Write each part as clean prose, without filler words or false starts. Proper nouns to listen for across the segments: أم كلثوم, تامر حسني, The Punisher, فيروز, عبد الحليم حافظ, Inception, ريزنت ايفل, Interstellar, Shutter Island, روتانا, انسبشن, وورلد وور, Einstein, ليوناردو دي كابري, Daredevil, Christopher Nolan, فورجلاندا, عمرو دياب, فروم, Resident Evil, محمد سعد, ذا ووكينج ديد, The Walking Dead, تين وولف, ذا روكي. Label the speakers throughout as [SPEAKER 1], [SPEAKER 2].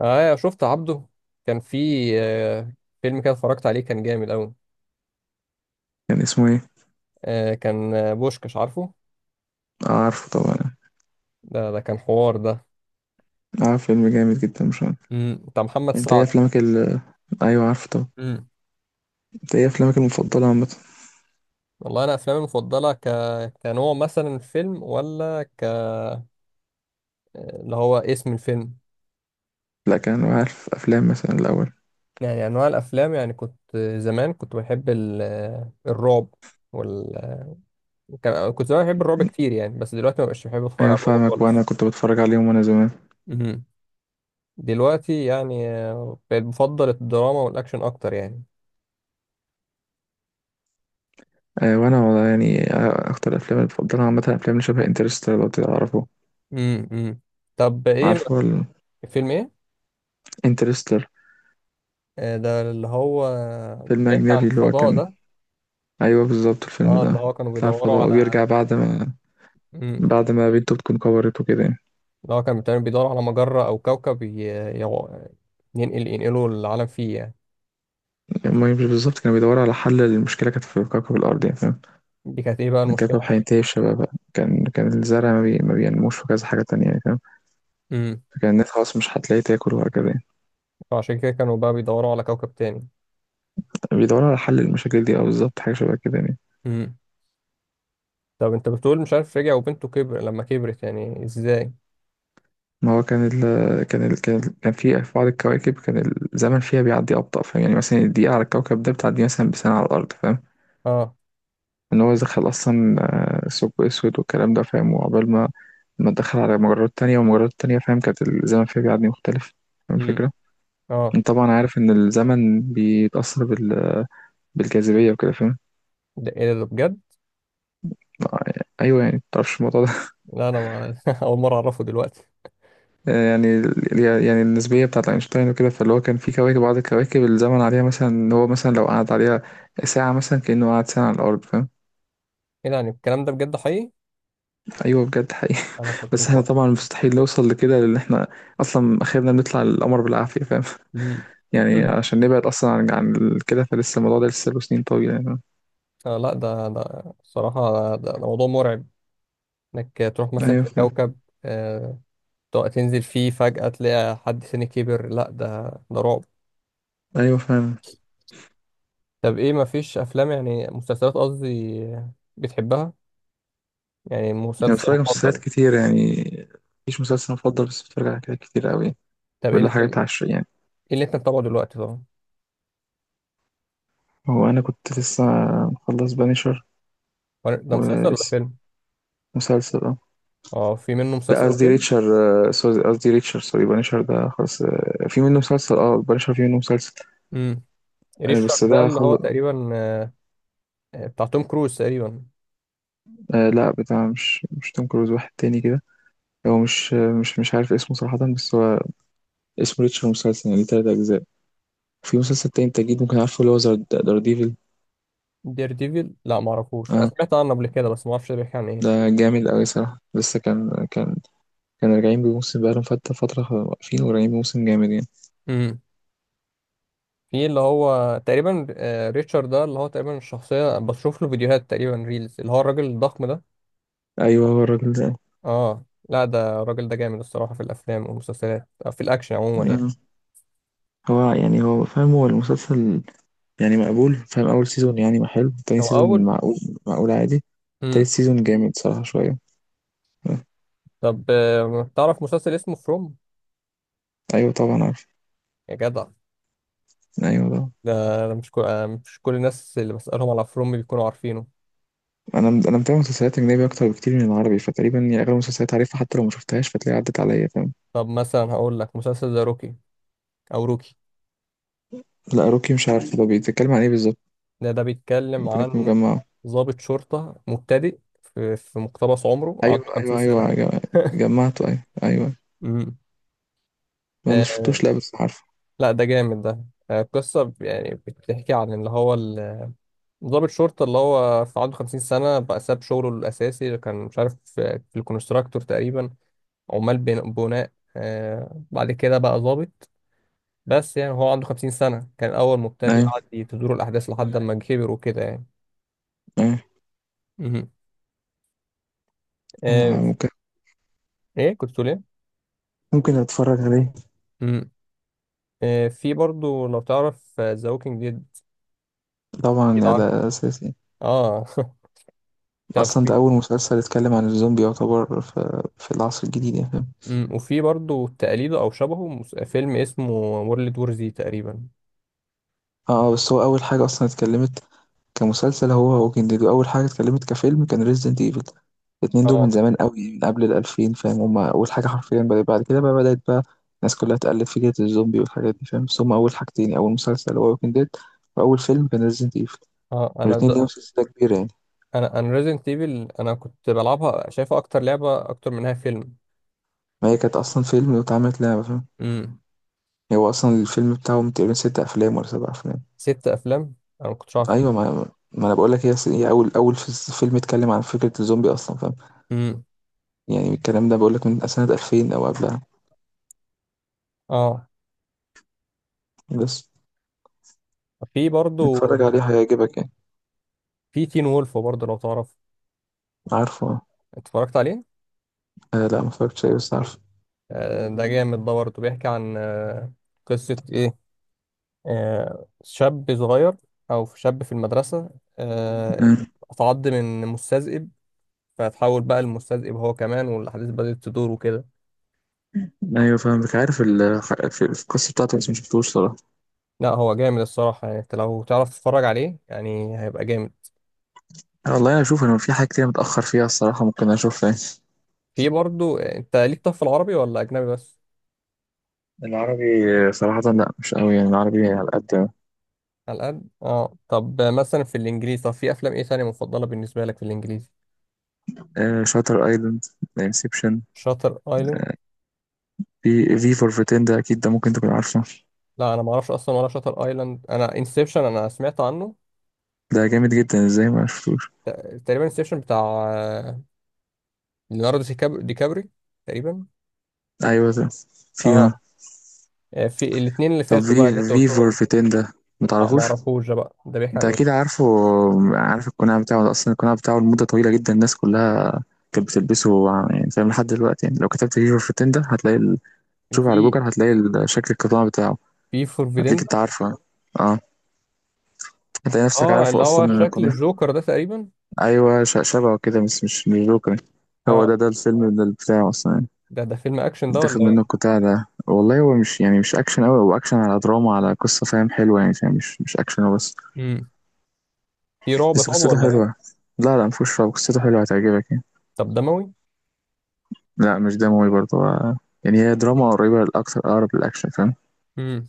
[SPEAKER 1] اه شفت عبده كان في آه، فيلم كده اتفرجت عليه كان جامد قوي.
[SPEAKER 2] كان اسمه ايه؟
[SPEAKER 1] آه كان بوشكش عارفه.
[SPEAKER 2] عارفه طبعا.
[SPEAKER 1] ده كان حوار ده.
[SPEAKER 2] عارف فيلم جامد جدا مش عارف.
[SPEAKER 1] بتاع محمد
[SPEAKER 2] انت ايه
[SPEAKER 1] سعد.
[SPEAKER 2] افلامك ال ايوه عارفه طبعا.
[SPEAKER 1] امم.
[SPEAKER 2] انت ايه افلامك المفضله عامه؟
[SPEAKER 1] والله انا افلامي المفضله ك... كنوع مثلا الفيلم ولا ك اللي هو اسم الفيلم.
[SPEAKER 2] لا، كان عارف افلام مثلا الاول.
[SPEAKER 1] يعني انواع الافلام يعني كنت زمان كنت بحب ال... آه، الرعب وال... كنت زمان بحب الرعب كتير يعني، بس دلوقتي ما بقتش بحب اتفرج على
[SPEAKER 2] ايوه
[SPEAKER 1] الرعب
[SPEAKER 2] فاهمك،
[SPEAKER 1] خالص.
[SPEAKER 2] وانا كنت بتفرج عليهم وانا زمان.
[SPEAKER 1] امم. دلوقتي يعني بقيت بفضل الدراما والاكشن اكتر يعني.
[SPEAKER 2] وانا والله يعني، اكتر افلام المفضله عامه افلام اللي شبه انترستر لو تعرفه.
[SPEAKER 1] امم امم. طب ايه
[SPEAKER 2] عارفه
[SPEAKER 1] فيلم ايه؟
[SPEAKER 2] انترستر،
[SPEAKER 1] آه، ده اللي هو
[SPEAKER 2] فيلم
[SPEAKER 1] بيحكي عن
[SPEAKER 2] اجنبي اللي هو
[SPEAKER 1] الفضاء
[SPEAKER 2] كان.
[SPEAKER 1] ده.
[SPEAKER 2] ايوه بالظبط، الفيلم
[SPEAKER 1] اه اللي
[SPEAKER 2] ده
[SPEAKER 1] هو كانوا
[SPEAKER 2] بيطلع
[SPEAKER 1] بيدوروا
[SPEAKER 2] الفضاء
[SPEAKER 1] على
[SPEAKER 2] وبيرجع بعد ما،
[SPEAKER 1] امم
[SPEAKER 2] بعد ما بنته بتكون كبرت وكده يعني.
[SPEAKER 1] اللي هو كانوا بتقريباً بيدوروا على مجرة او كوكب يو- ينقلوا العالم فيه يعني.
[SPEAKER 2] المهم مش بالظبط، كانوا بيدوروا على حل للمشكله كانت في كوكب الارض يعني.
[SPEAKER 1] دي كانت ايه بقى
[SPEAKER 2] الكوكب
[SPEAKER 1] المشكلة؟
[SPEAKER 2] هينتهي في شبابها. كان الزرع ما بينموش في كذا حاجة تانية يعني، فاهم؟
[SPEAKER 1] امم.
[SPEAKER 2] فكان الناس خلاص مش هتلاقي تاكل وهكذا يعني.
[SPEAKER 1] فعشان كده كانوا بقى بيدوروا على كوكب تاني.
[SPEAKER 2] بيدوروا على حل المشاكل دي أو بالظبط حاجة شبه كده يعني.
[SPEAKER 1] امم. طب انت بتقول مش عارف رجع وبنته كبر لما كبرت يعني ازاي؟
[SPEAKER 2] ما هو كان في بعض الكواكب، كان الزمن فيها بيعدي أبطأ، فاهم؟ يعني مثلا الدقيقة على الكوكب ده بتعدي مثلا بسنة على الأرض، فاهم؟
[SPEAKER 1] اه.
[SPEAKER 2] إن هو دخل أصلا ثقب أسود والكلام ده، فاهم؟ وعقبال ما دخل على مجرات تانية ومجرات تانية فاهم، كانت الزمن فيها بيعدي مختلف. فاهم
[SPEAKER 1] امم.
[SPEAKER 2] الفكرة؟
[SPEAKER 1] اه.
[SPEAKER 2] أنت طبعا عارف إن الزمن بيتأثر بال... بالجاذبية وكده فاهم.
[SPEAKER 1] ده ايه ده بجد؟
[SPEAKER 2] آه، ايوه يعني متعرفش الموضوع ده
[SPEAKER 1] لا انا ما... اول مرة اعرفه دلوقتي.
[SPEAKER 2] يعني ال- يعني النسبيه بتاعت اينشتاين وكده، فاللي هو كان في كواكب بعض الكواكب الزمن عليها مثلا ان هو مثلا لو قعد عليها ساعه مثلا كانه قعد ساعه على الارض فاهم.
[SPEAKER 1] ايه ده يعني الكلام ده بجد حقيقي؟
[SPEAKER 2] ايوه بجد حقيقي.
[SPEAKER 1] انا كنت
[SPEAKER 2] بس احنا
[SPEAKER 1] مفكر.
[SPEAKER 2] طبعا مستحيل نوصل لكده لان احنا اصلا اخرنا بنطلع القمر بالعافيه فاهم.
[SPEAKER 1] مم.
[SPEAKER 2] يعني عشان نبعد اصلا عن كده، فلسه الموضوع ده لسه له سنين طويله يعني.
[SPEAKER 1] آه، لا ده الصراحة ده موضوع مرعب. انك تروح مثلا
[SPEAKER 2] ايوه
[SPEAKER 1] في
[SPEAKER 2] فاهم.
[SPEAKER 1] كوكب آه تنزل فيه فجأة تلاقي حد تاني كبر. لا ده رعب.
[SPEAKER 2] ايوه فاهم.
[SPEAKER 1] طب ايه مفيش افلام، يعني مسلسلات قصدي، بتحبها؟ يعني
[SPEAKER 2] يعني
[SPEAKER 1] مسلسل
[SPEAKER 2] بتفرج على مسلسلات
[SPEAKER 1] مفضل.
[SPEAKER 2] كتير يعني، مفيش مسلسل مفضل بس بتفرج على حاجات كتير قوي،
[SPEAKER 1] طب ايه
[SPEAKER 2] ولا
[SPEAKER 1] اللي انت ايه
[SPEAKER 2] حاجات عشرية.
[SPEAKER 1] اللي انت متابعه دلوقتي طبعا؟
[SPEAKER 2] هو انا كنت لسه مخلص بانيشر،
[SPEAKER 1] هو ده مسلسل ولا
[SPEAKER 2] ولسه
[SPEAKER 1] فيلم؟
[SPEAKER 2] مسلسل اه.
[SPEAKER 1] اه في منه
[SPEAKER 2] لا،
[SPEAKER 1] مسلسل
[SPEAKER 2] قصدي
[SPEAKER 1] وفيلم.
[SPEAKER 2] ريتشر. سوري قصدي ريتشر، سوري بانيشر ده خلاص، في منه مسلسل اه، بانيشر في منه مسلسل.
[SPEAKER 1] امم. ريش
[SPEAKER 2] بس
[SPEAKER 1] ده
[SPEAKER 2] ده
[SPEAKER 1] اللي هو
[SPEAKER 2] خلص.
[SPEAKER 1] تقريبا بتاع توم كروز تقريبا.
[SPEAKER 2] آه لا، بتاع مش توم كروز، واحد تاني كده. هو مش، مش عارف اسمه صراحة، بس هو اسمه ريتشر، مسلسل يعني ليه تلات أجزاء. في مسلسل تاني انت أكيد ممكن عارفه اللي هو دار ديفل.
[SPEAKER 1] دير ديفيل لا معرفوش، انا
[SPEAKER 2] اه،
[SPEAKER 1] سمعت عنه قبل كده بس معرفش ده بيحكي عن
[SPEAKER 2] ده جامد أوي صراحة، لسه كان كان راجعين بموسم، بقالهم فترة واقفين وراجعين بموسم جامد يعني.
[SPEAKER 1] ايه. في اللي هو تقريبا ريتشارد ده اللي هو تقريبا الشخصية، بشوف له فيديوهات تقريبا ريلز اللي هو الراجل الضخم ده.
[SPEAKER 2] أيوه هو الراجل ده.
[SPEAKER 1] اه لا ده الراجل ده جامد الصراحة، في الأفلام والمسلسلات أو في الأكشن عموما يعني.
[SPEAKER 2] آه. هو يعني هو فاهم، هو المسلسل يعني مقبول، فاهم، أول سيزون يعني ما حلو، تاني
[SPEAKER 1] هو
[SPEAKER 2] سيزون
[SPEAKER 1] أول.
[SPEAKER 2] معقول، معقول عادي. تالت
[SPEAKER 1] مم.
[SPEAKER 2] سيزون جامد صراحة شوية.
[SPEAKER 1] طب تعرف مسلسل اسمه فروم؟
[SPEAKER 2] أيوة طبعا عارف.
[SPEAKER 1] يا جدع،
[SPEAKER 2] أيوة طبعا.
[SPEAKER 1] ده أنا مش كل الناس اللي بسألهم على فروم بيكونوا عارفينه.
[SPEAKER 2] أنا متابع مسلسلات أجنبي أكتر بكتير من العربي، فتقريبا يعني أغلب المسلسلات عارفها حتى لو ما شفتهاش فتلاقي عدت عليا فاهم.
[SPEAKER 1] طب مثلا هقول لك مسلسل ذا روكي أو روكي.
[SPEAKER 2] لا، روكي مش عارف، ده بيتكلم عن إيه بالظبط؟
[SPEAKER 1] ده بيتكلم
[SPEAKER 2] ممكن أكون
[SPEAKER 1] عن
[SPEAKER 2] مجمعه.
[SPEAKER 1] ضابط شرطة مبتدئ في مقتبس عمره عنده
[SPEAKER 2] أيوة
[SPEAKER 1] 50
[SPEAKER 2] أيوة
[SPEAKER 1] سنة.
[SPEAKER 2] أيوة، جمعته، أيوة أيوة.
[SPEAKER 1] مم.
[SPEAKER 2] ما
[SPEAKER 1] آه،
[SPEAKER 2] شفتوش، لا بس عارفه.
[SPEAKER 1] لا ده جامد ده. قصة يعني بتحكي عن اللي هو ضابط شرطة اللي هو في عنده خمسين سنة، بقى ساب شغله الأساسي اللي كان مش عارف في الكونستراكتور تقريبا، عمال بناء. بعد كده بقى ضابط. بس يعني هو عنده خمسين سنة كان أول مبتدئ،
[SPEAKER 2] أيوة
[SPEAKER 1] قعد تدور الأحداث لحد ما كبر وكده يعني.
[SPEAKER 2] أيوة،
[SPEAKER 1] مهم. آه،
[SPEAKER 2] آه، ممكن
[SPEAKER 1] إيه كنت تقول إيه؟
[SPEAKER 2] ممكن أتفرج عليه.
[SPEAKER 1] مهم. في برضو لو تعرف ذا ووكينج ديد؟ أكيد
[SPEAKER 2] طبعا
[SPEAKER 1] عارف.
[SPEAKER 2] ده أساسي.
[SPEAKER 1] آه. طب،
[SPEAKER 2] اصلا ده اول مسلسل اتكلم عن الزومبي يعتبر في، العصر الجديد يعني فاهم.
[SPEAKER 1] وفي برضو تقليده او شبهه فيلم اسمه وورلد وور زي تقريبا.
[SPEAKER 2] اه، بس هو اول حاجه اصلا اتكلمت كمسلسل هو ووكينج ديد، اول حاجه اتكلمت كفيلم كان ريزيدنت ايفل. الاتنين دول من
[SPEAKER 1] اه.
[SPEAKER 2] زمان قوي، من قبل ال2000 فاهم، هما أول حاجة حرفيا بدأت، بعد كده بقى بدأت بقى الناس كلها تقلد فكرة الزومبي والحاجات دي فاهم، بس هما أول حاجتين يعني، أول مسلسل هو ووكينج ديد، وأول فيلم كان ريزيدنت ايفل.
[SPEAKER 1] اه انا
[SPEAKER 2] والاتنين ليهم
[SPEAKER 1] ده.
[SPEAKER 2] سلسلة كبيرة يعني.
[SPEAKER 1] انا ريزنت ايفل انا كنت بلعبها، شايفها اكتر لعبه اكتر منها فيلم.
[SPEAKER 2] ما هي كانت أصلا فيلم واتعملت لعبة فاهم.
[SPEAKER 1] امم.
[SPEAKER 2] هو أصلا الفيلم بتاعهم تقريبا ست أفلام ولا سبع أفلام.
[SPEAKER 1] ست افلام، انا ما كنتش عارف.
[SPEAKER 2] ايوه، ما انا بقول لك هي أصل هي فيلم اتكلم عن فكره الزومبي اصلا فاهم.
[SPEAKER 1] امم.
[SPEAKER 2] يعني الكلام ده بقول لك من سنه 2000 او قبلها.
[SPEAKER 1] اه.
[SPEAKER 2] بس
[SPEAKER 1] في برضو
[SPEAKER 2] اتفرج عليه هيعجبك يعني.
[SPEAKER 1] في تين وولف برضو لو تعرف؟
[SPEAKER 2] عارفه.
[SPEAKER 1] اتفرجت عليه.
[SPEAKER 2] آه لا، ما اتفرجتش عليه بس عارفه.
[SPEAKER 1] آه ده جامد ده برضو، بيحكي عن قصه ايه، شاب صغير او شاب في المدرسه، آه
[SPEAKER 2] مم.
[SPEAKER 1] اتعض من مستذئب، فتحول بقى المستذئب هو كمان والاحداث بدأت تدور وكده.
[SPEAKER 2] ايوه فاهمك، عارف في القصه بتاعته بس ما شفتوش صراحه.
[SPEAKER 1] لا هو جامد الصراحة، يعني انت لو تعرف تتفرج عليه يعني هيبقى جامد.
[SPEAKER 2] والله انا اشوف، انا في حاجات كتير متاخر فيها الصراحه، ممكن اشوفها.
[SPEAKER 1] في برضو انت ليك، طب في العربي ولا اجنبي بس؟
[SPEAKER 2] يعني العربي صراحه لا مش قوي، يعني العربي على قد.
[SPEAKER 1] على قد اه. طب مثلا في الانجليزي، طب في افلام ايه تانية مفضلة بالنسبة لك في الانجليزي؟
[SPEAKER 2] آه، شاتر ايلاند، انسبشن،
[SPEAKER 1] شاتر ايلاند.
[SPEAKER 2] في فور فيتين ده اكيد ده ممكن تكون عارفه.
[SPEAKER 1] لا انا ما اعرفش اصلا، ولا شاتر ايلاند، انا انسبشن انا سمعت عنه.
[SPEAKER 2] ده جامد جدا، ازاي ما شفتوش؟
[SPEAKER 1] تقريبا انسبشن بتاع آه، ليوناردو دي كابري تقريبا.
[SPEAKER 2] ايوه ده فيها.
[SPEAKER 1] اه. في الاثنين اللي
[SPEAKER 2] طب
[SPEAKER 1] فاتوا بقى اللي انت
[SPEAKER 2] في فور
[SPEAKER 1] قلتهم.
[SPEAKER 2] فيتين ده،
[SPEAKER 1] اه ما
[SPEAKER 2] متعرفوش؟
[SPEAKER 1] اعرفوش ده بقى، ده بيحكي
[SPEAKER 2] انت
[SPEAKER 1] عن
[SPEAKER 2] اكيد
[SPEAKER 1] ايه؟
[SPEAKER 2] عارفه. عارف القناع بتاعه ده، اصلا القناع بتاعه لمده طويله جدا الناس كلها كانت بتلبسه يعني فاهم لحد دلوقتي يعني، لو كتبت في فور فيتين ده هتلاقي ال... تشوف على
[SPEAKER 1] في
[SPEAKER 2] جوجل هتلاقي شكل القناع بتاعه.
[SPEAKER 1] في فور
[SPEAKER 2] هتلاقيك انت
[SPEAKER 1] فيدندا.
[SPEAKER 2] عارفه، اه، هتلاقي نفسك
[SPEAKER 1] اه
[SPEAKER 2] عارفه
[SPEAKER 1] اللي
[SPEAKER 2] اصلا
[SPEAKER 1] هو
[SPEAKER 2] من
[SPEAKER 1] شكل
[SPEAKER 2] القناع.
[SPEAKER 1] الجوكر ده تقريبا.
[SPEAKER 2] ايوه، شبهه كده بس مش جوكر. هو ده
[SPEAKER 1] اه
[SPEAKER 2] ده الفيلم ده بتاعه اصلا يعني.
[SPEAKER 1] ده فيلم اكشن
[SPEAKER 2] اللي
[SPEAKER 1] ده ولا
[SPEAKER 2] اتاخد منه
[SPEAKER 1] ايه؟
[SPEAKER 2] القطاع ده، والله هو مش يعني مش اكشن قوي، هو اكشن على دراما على قصه فاهم، حلوه يعني فاهم، مش اكشن هو بس.
[SPEAKER 1] امم في رعب
[SPEAKER 2] بس
[SPEAKER 1] طب
[SPEAKER 2] قصته
[SPEAKER 1] ولا
[SPEAKER 2] حلوة.
[SPEAKER 1] ايه؟
[SPEAKER 2] لا لا، مفهوش رعب، قصته حلوة هتعجبك يعني.
[SPEAKER 1] طب دموي؟
[SPEAKER 2] لا، مش ده موي برضه، هو- يعني هي دراما قريبة الأكتر أقرب للأكشن فاهم.
[SPEAKER 1] امم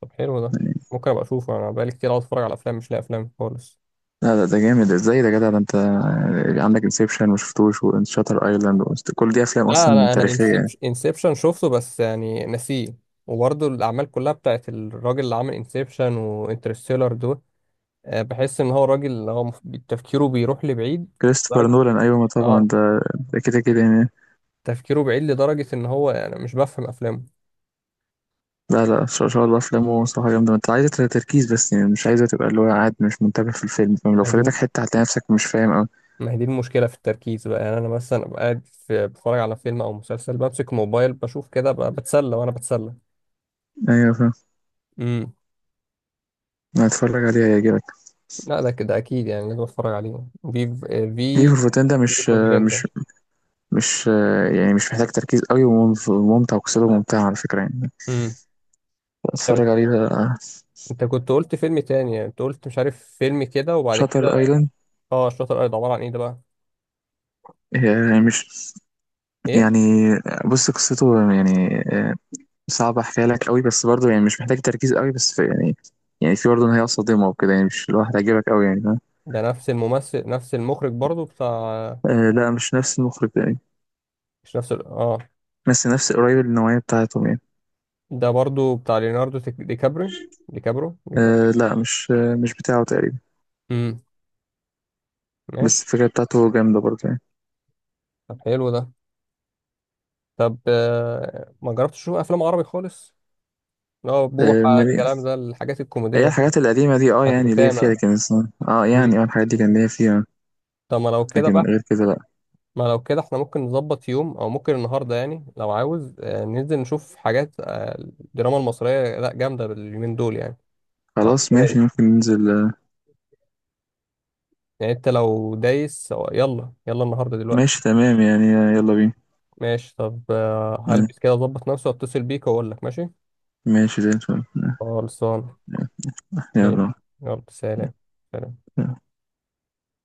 [SPEAKER 1] طب حلو ده.
[SPEAKER 2] يعني
[SPEAKER 1] ممكن ابقى اشوفه، انا بقالي كتير قاعد اتفرج على افلام مش لاقي افلام خالص.
[SPEAKER 2] لا لا، ده جامد ازاي ده يا جدع، ده انت عندك انسبشن وشفتوش وشاتر ايلاند، كل دي افلام
[SPEAKER 1] لا
[SPEAKER 2] اصلا
[SPEAKER 1] انا
[SPEAKER 2] تاريخية يعني.
[SPEAKER 1] انسبشن شفته بس يعني نسيه. وبرضه الاعمال كلها بتاعت الراجل اللي عامل انسبشن وانترستيلر دول، بحس ان هو راجل اللي هو تفكيره بيروح لبعيد
[SPEAKER 2] كريستوفر
[SPEAKER 1] لدرجه.
[SPEAKER 2] نولان، ايوه ما طبعا
[SPEAKER 1] اه.
[SPEAKER 2] ده، ده كده كده يعني.
[SPEAKER 1] تفكيره بعيد لدرجه ان هو يعني مش بفهم افلامه
[SPEAKER 2] لا لا، ان شاء إن شاء الله افلامه صراحة جامدة، ما انت عايزة تركيز، بس يعني مش عايزة تبقى اللي هو قاعد مش منتبه في الفيلم فاهم، لو
[SPEAKER 1] دي.
[SPEAKER 2] فاتتك حتة هتلاقي نفسك مش فاهم اوي.
[SPEAKER 1] ما هي دي المشكلة في التركيز بقى، يعني أنا مثلا أبقى قاعد في بتفرج على فيلم أو مسلسل بمسك موبايل بشوف كده بتسلى وأنا بتسلى.
[SPEAKER 2] ايوه فاهم،
[SPEAKER 1] امم
[SPEAKER 2] هتفرج عليها هيعجبك.
[SPEAKER 1] لا ده كده أكيد يعني لازم أتفرج عليه. في
[SPEAKER 2] في
[SPEAKER 1] في
[SPEAKER 2] فورفتين ده
[SPEAKER 1] في
[SPEAKER 2] مش
[SPEAKER 1] فورجلاندا.
[SPEAKER 2] مش مش يعني مش محتاج تركيز قوي، وممتع، وقصته ممتعة على فكرة يعني.
[SPEAKER 1] امم طب
[SPEAKER 2] اتفرج عليه ده.
[SPEAKER 1] أنت كنت قلت فيلم تاني، يعني أنت قلت مش عارف فيلم كده وبعد
[SPEAKER 2] شاتر
[SPEAKER 1] كده.
[SPEAKER 2] ايلاند،
[SPEAKER 1] أه الشاطر الأرض عبارة عن إيه ده بقى؟
[SPEAKER 2] هي مش
[SPEAKER 1] إيه؟
[SPEAKER 2] يعني، بص قصته يعني، صعب احكيها لك قوي بس برضه يعني مش محتاج تركيز قوي، بس في يعني، يعني في برضه نهاية صادمة وكده يعني، مش اللي هو هتعجبك قوي يعني فاهم؟
[SPEAKER 1] ده نفس الممثل نفس المخرج برضو بتاع.
[SPEAKER 2] آه لا، مش نفس المخرج يعني،
[SPEAKER 1] مش نفس ال... أه.
[SPEAKER 2] بس نفس قريب النوعية بتاعتهم يعني.
[SPEAKER 1] ده برضو بتاع ليوناردو دي كابري دي كابرو دي كابرو.
[SPEAKER 2] آه لا مش، مش بتاعه تقريبا.
[SPEAKER 1] امم
[SPEAKER 2] بس
[SPEAKER 1] ماشي.
[SPEAKER 2] الفكرة بتاعته جامدة برضه يعني.
[SPEAKER 1] طب حلو ده. طب ما جربتش تشوف افلام عربي خالص، اللي هو
[SPEAKER 2] آه
[SPEAKER 1] بوحة،
[SPEAKER 2] مليئة.
[SPEAKER 1] الكلام ده الحاجات
[SPEAKER 2] هي
[SPEAKER 1] الكوميدية
[SPEAKER 2] الحاجات القديمة دي اه
[SPEAKER 1] بتاعت
[SPEAKER 2] يعني ليا فيها،
[SPEAKER 1] روتانا؟
[SPEAKER 2] لكن
[SPEAKER 1] مم.
[SPEAKER 2] الحاجات دي كان ليا فيها،
[SPEAKER 1] طب
[SPEAKER 2] لكن غير كده لأ.
[SPEAKER 1] ما لو كده احنا ممكن نظبط يوم او ممكن النهارده، يعني لو عاوز ننزل نشوف حاجات الدراما المصرية لا جامدة باليومين دول يعني، أو
[SPEAKER 2] خلاص
[SPEAKER 1] السنة
[SPEAKER 2] ماشي
[SPEAKER 1] دي.
[SPEAKER 2] ممكن ننزل،
[SPEAKER 1] يعني انت لو دايس يلا يلا النهارده دلوقتي.
[SPEAKER 2] ماشي تمام يعني، يلا بينا.
[SPEAKER 1] ماشي طب
[SPEAKER 2] آه،
[SPEAKER 1] هلبس كده، اظبط نفسي واتصل بيك واقول لك ماشي.
[SPEAKER 2] ماشي زي الفل، آه،
[SPEAKER 1] خلصان ماشي.
[SPEAKER 2] يلا.
[SPEAKER 1] يلا سلام. سلام.
[SPEAKER 2] آه.